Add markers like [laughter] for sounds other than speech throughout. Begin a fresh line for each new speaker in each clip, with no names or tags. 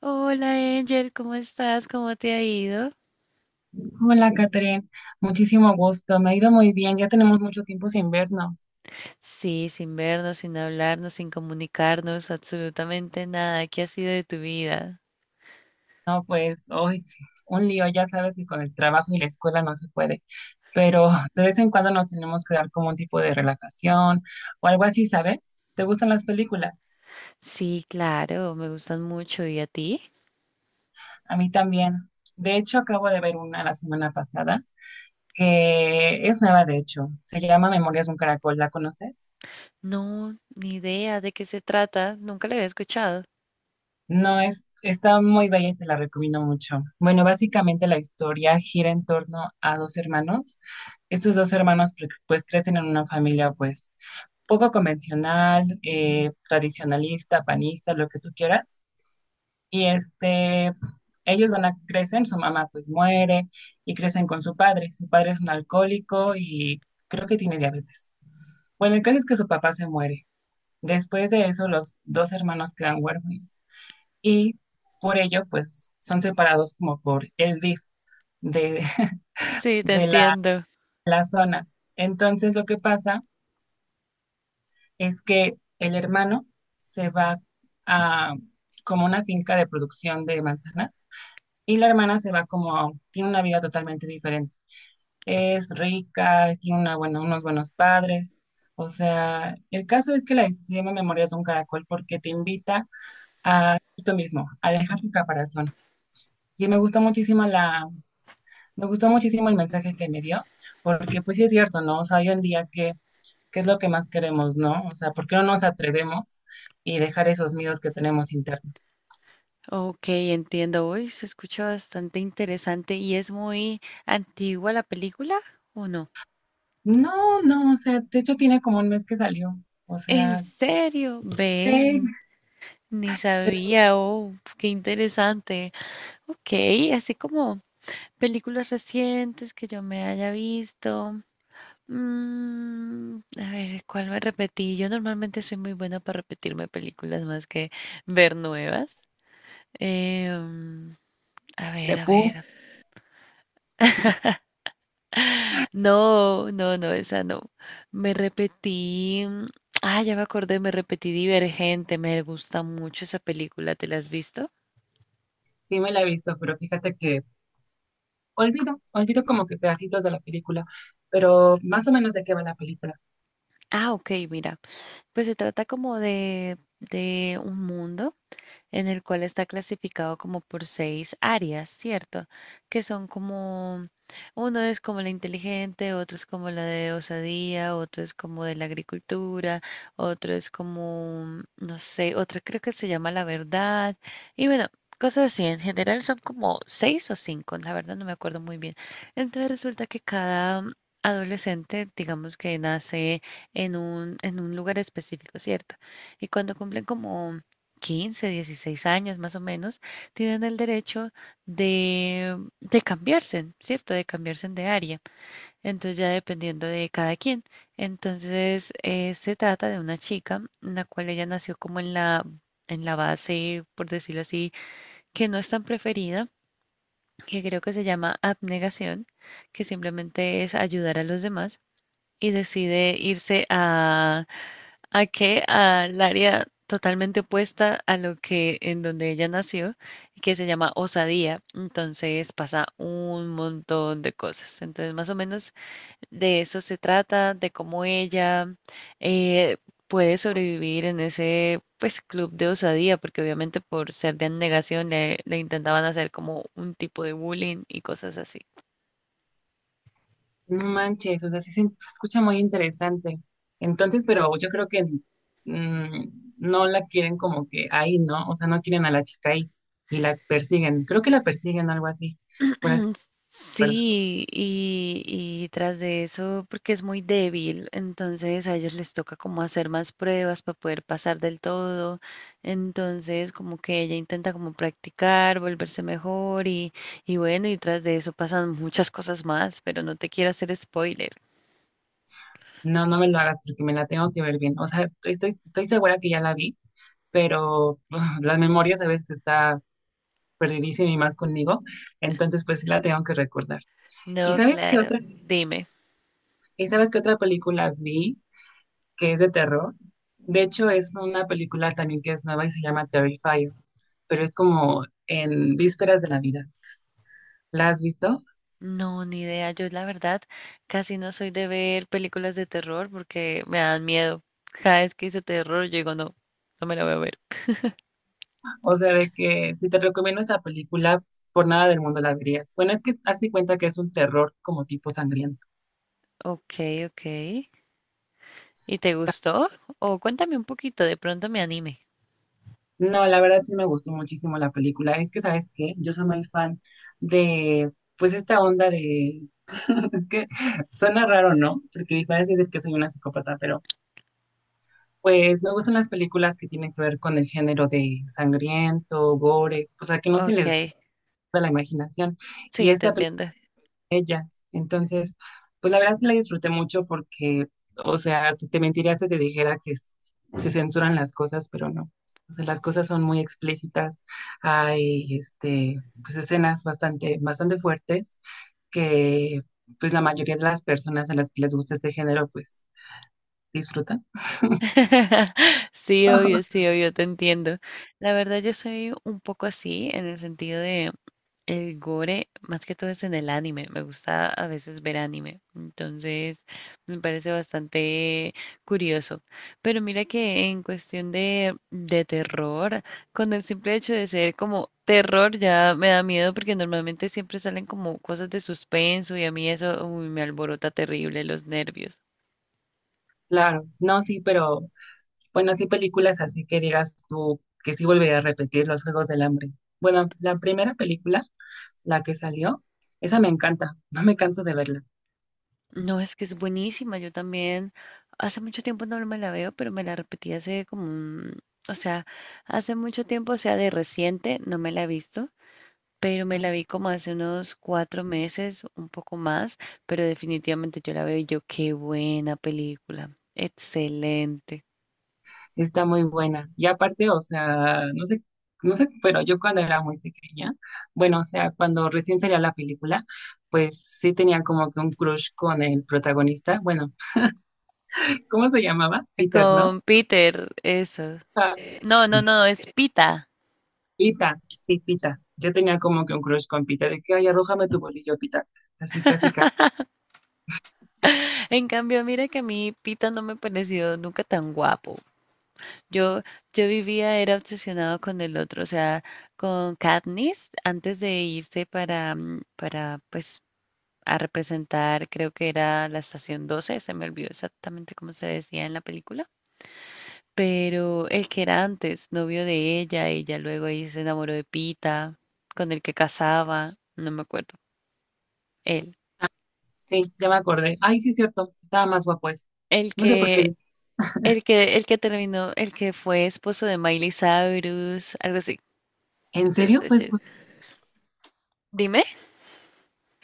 Hola Angel, ¿cómo estás? ¿Cómo te ha ido?
Hola, Catherine. Muchísimo gusto. Me ha ido muy bien. Ya tenemos mucho tiempo sin vernos.
Sí, sin vernos, sin hablarnos, sin comunicarnos, absolutamente nada. ¿Qué ha sido de tu vida?
No, pues hoy un lío, ya sabes, y con el trabajo y la escuela no se puede. Pero [laughs] de vez en cuando nos tenemos que dar como un tipo de relajación o algo así, ¿sabes? ¿Te gustan las películas?
Sí, claro, me gustan mucho. ¿Y a ti?
A mí también. De hecho, acabo de ver una la semana pasada que es nueva, de hecho. Se llama Memorias de un Caracol. ¿La conoces?
No, ni idea de qué se trata. Nunca la había escuchado.
No, es, está muy bella y te la recomiendo mucho. Bueno, básicamente la historia gira en torno a dos hermanos. Estos dos hermanos pues crecen en una familia pues poco convencional, tradicionalista, panista, lo que tú quieras. Y este, ellos van a crecen, su mamá pues muere y crecen con su padre. Su padre es un alcohólico y creo que tiene diabetes. Bueno, el caso es que su papá se muere. Después de eso, los dos hermanos quedan huérfanos y por ello, pues son separados como por el DIF de,
Sí, te
de la,
entiendo.
la zona. Entonces, lo que pasa es que el hermano se va a como una finca de producción de manzanas y la hermana se va como, tiene una vida totalmente diferente. Es rica, tiene una, bueno unos buenos padres. O sea, el caso es que la extrema memoria es un caracol porque te invita tú mismo a dejar tu caparazón. Y me gusta muchísimo la, me gustó muchísimo el mensaje que me dio, porque pues sí es cierto, ¿no? O sea, hoy en día, ¿qué, qué es lo que más queremos, ¿no? O sea, ¿por qué no nos atrevemos y dejar esos miedos que tenemos internos?
Ok, entiendo. Uy, se escucha bastante interesante y es muy antigua la película, ¿o no?
No, no, o sea, de hecho tiene como un mes que salió, o
¿En
sea,
serio? Ve,
sé
ni
del
sabía. Oh, qué interesante. Ok, así como películas recientes que yo me haya visto. A ver, ¿cuál me repetí? Yo normalmente soy muy buena para repetirme películas más que ver nuevas. Eh, mm, a ver, a
Crepúsculo,
ver. No, no, no, esa no. Me repetí. mm, Ah, ya me acordé, me repetí Divergente. Me gusta mucho esa película. ¿Te la has visto?
sí me la he visto, pero fíjate que olvido, olvido como que pedacitos de la película, pero más o menos de qué va la película.
Ah, ok, mira. Pues se trata como de un mundo, en el cual está clasificado como por seis áreas, ¿cierto? Que son como, uno es como la inteligente, otro es como la de osadía, otro es como de la agricultura, otro es como, no sé, otra creo que se llama la verdad. Y bueno, cosas así, en general son como seis o cinco, la verdad no me acuerdo muy bien. Entonces resulta que cada... adolescente, digamos que nace en un lugar específico, ¿cierto? Y cuando cumplen como 15, 16 años más o menos, tienen el derecho de cambiarse, ¿cierto? De cambiarse de área. Entonces ya dependiendo de cada quien. Entonces se trata de una chica, en la cual ella nació como en la base, por decirlo así, que no es tan preferida, que creo que se llama abnegación, que simplemente es ayudar a los demás y decide irse a que al área totalmente opuesta a lo que en donde ella nació, que se llama Osadía. Entonces pasa un montón de cosas. Entonces más o menos de eso se trata, de cómo ella eh, puede sobrevivir en ese pues club de osadía, porque obviamente por ser de negación le intentaban hacer como un tipo de bullying y cosas así.
No manches, o sea, sí se escucha muy interesante. Entonces, pero yo creo que mm, no la quieren como que ahí, ¿no? O sea, no quieren a la chica ahí y la persiguen. Creo que la persiguen o algo así, por así,
[clears throat]
recuerdo.
Sí, y tras de eso, porque es muy débil, entonces a ellos les toca como hacer más pruebas para poder pasar del todo. Entonces, como que ella intenta como practicar, volverse mejor y bueno, y tras de eso pasan muchas cosas más, pero no te quiero hacer spoiler.
No, no me lo hagas porque me la tengo que ver bien. O sea, estoy segura que ya la vi, pero [laughs] las memorias a veces está perdidísima y más conmigo. Entonces, pues sí la tengo que recordar. ¿Y
No,
sabes qué
claro,
otra?
dime.
¿Y sabes qué otra película vi? Que es de terror. De hecho, es una película también que es nueva y se llama Terrifier, pero es como en vísperas de la vida. ¿La has visto?
No, ni idea. Yo la verdad casi no soy de ver películas de terror porque me dan miedo. Cada vez que hice terror, yo digo, no, no me la voy a ver.
O sea, de que si te recomiendo esta película, por nada del mundo la verías. Bueno, es que hazte cuenta que es un terror como tipo sangriento.
Ok, ok. ¿Y te gustó? O cuéntame un poquito, de pronto me anime.
No, la verdad sí me gustó muchísimo la película. Es que, ¿sabes qué? Yo soy muy fan de, pues, esta onda de... [laughs] es que suena raro, ¿no? Porque parece decir que soy una psicópata, pero pues me gustan las películas que tienen que ver con el género de sangriento, gore, o sea, que no se
Ok,
les da la imaginación. Y
sí, te
esta película
entiendo.
de ellas. Entonces, pues la verdad sí la disfruté mucho porque, o sea, te mentirías si te dijera que se censuran las cosas, pero no. O sea, las cosas son muy explícitas. Hay, pues escenas bastante, bastante fuertes que, pues la mayoría de las personas a las que les gusta este género, pues disfrutan.
[laughs] Sí, obvio, te entiendo. La verdad, yo soy un poco así en el sentido de el gore, más que todo es en el anime. Me gusta a veces ver anime. Entonces, me parece bastante curioso. Pero mira que en cuestión de terror, con el simple hecho de ser como terror ya me da miedo porque normalmente siempre salen como cosas de suspenso y a mí eso uy, me alborota terrible los nervios.
Claro, no, sí, pero bueno, sí, películas así que digas tú que sí volvería a repetir Los Juegos del Hambre. Bueno, la primera película, la que salió, esa me encanta, [laughs] no me canso de verla.
No, es que es buenísima. Yo también hace mucho tiempo no me la veo, pero me la repetí hace como un, o sea, hace mucho tiempo, o sea, de reciente no me la he visto, pero me la vi como hace unos 4 meses, un poco más, pero definitivamente yo la veo y yo, qué buena película, excelente.
Está muy buena. Y aparte, o sea, no sé, pero yo cuando era muy pequeña, bueno, o sea, cuando recién salía la película, pues sí tenía como que un crush con el protagonista. Bueno, [laughs] ¿cómo se llamaba? Peter, ¿no?
Con Peter, eso.
Ah,
No, no, no, es Pita.
Pita, sí, Pita. Yo tenía como que un crush con Pita, de que, ay, arrójame tu bolillo, Pita. Así casi
En cambio, mira que a mí Pita no me pareció nunca tan guapo. Yo, yo vivía, era obsesionado con el otro, o sea, con Katniss, antes de irse para, pues, a representar, creo que era la estación 12, se me olvidó exactamente cómo se decía en la película, pero el que era antes, novio de ella, ella luego ahí se enamoró de Pita, con el que casaba, no me acuerdo, él.
sí, ya me acordé. Ay, sí, es cierto. Estaba más guapo ese.
El
No sé por
que,
qué.
el que, el que terminó, el que fue esposo de Miley Cyrus, algo así.
¿En serio fue
Entonces,
esposo?
dime.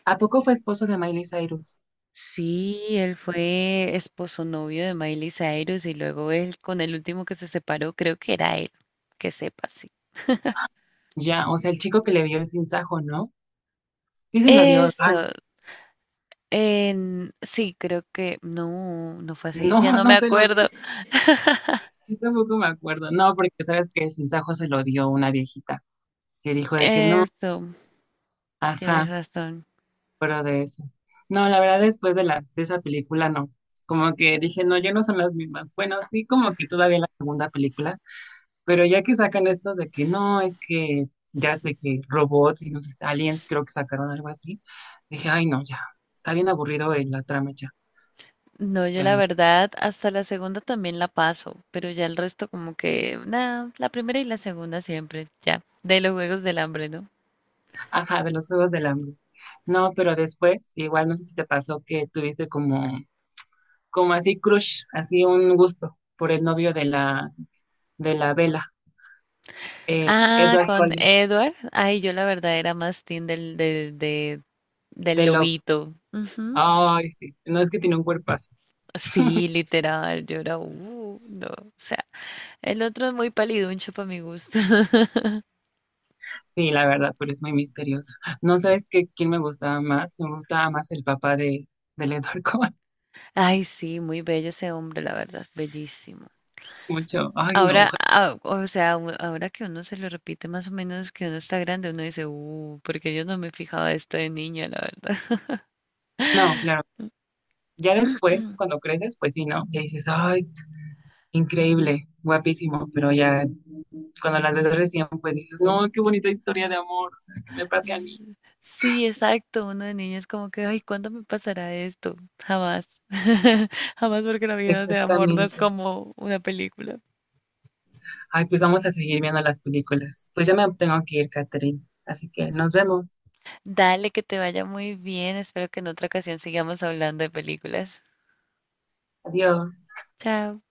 ¿A poco fue esposo de Miley Cyrus?
Sí, él fue esposo novio de Miley Cyrus y luego él con el último que se separó, creo que era él, que sepa, sí.
Ya, o sea, el chico que le dio el sinsajo, ¿no? Sí se lo dio
Eso,
Evan.
en- sí, creo que no, no fue así,
No,
ya
[laughs]
no me
no se lo dio.
acuerdo. [laughs]
Sí, tampoco me acuerdo. No, porque sabes que el sinsajo se lo dio una viejita que dijo de que no,
Eso, tienes
ajá,
razón.
pero de eso. No, la verdad, después de la, de esa película, no. Como que dije, no, ya no son las mismas. Bueno, sí, como que todavía la segunda película. Pero ya que sacan estos de que no, es que ya de que robots y no sé, aliens, creo que sacaron algo así, dije, ay, no, ya, está bien aburrido la trama ya.
No,
O
yo
sea,
la
no.
verdad hasta la segunda también la paso, pero ya el resto como que, nada, la primera y la segunda siempre, ya, de los Juegos del Hambre, ¿no?
Ajá, de los Juegos del Hambre. No, pero después, igual no sé si te pasó que tuviste como, como así crush, así un gusto por el novio de la Bella, el
Ah,
Edward
con
Cullen,
Edward. Ay, yo la verdad era más team de- del
de Love.
lobito. Ujú.
Ay, sí, no es que tiene un cuerpo.
Sí, literal, yo era, no. O sea, el otro es muy paliduncho para mi gusto. [laughs]
Sí, la verdad, pero es muy misterioso. No sabes qué, quién me gustaba más. Me gustaba más el papá de, del Edward Cullen.
Ay, sí, muy bello ese hombre, la verdad, bellísimo.
[laughs] Mucho. Ay, no.
Ahora, ah, o sea, u- ahora que uno se lo repite más o menos que uno está grande, uno dice, porque yo no me fijaba esto de niña, la verdad.
No,
[laughs]
claro. Ya después, cuando creces, pues sí, ¿no? Ya dices, ay, increíble, guapísimo. Pero ya cuando las ves recién, pues dices, no, qué bonita historia de amor. O sea, que me pase a mí.
S- Sí, exacto. Uno de niños como que, ay, ¿cuándo me pasará esto? Jamás. [laughs] Jamás porque la vida de amor no es
Exactamente.
como una película.
Ay, pues vamos a seguir viendo las películas. Pues ya me tengo que ir, Catherine. Así que nos vemos.
Dale, que te vaya muy bien. Espero que en otra ocasión sigamos hablando de películas.
Adiós.
Chao.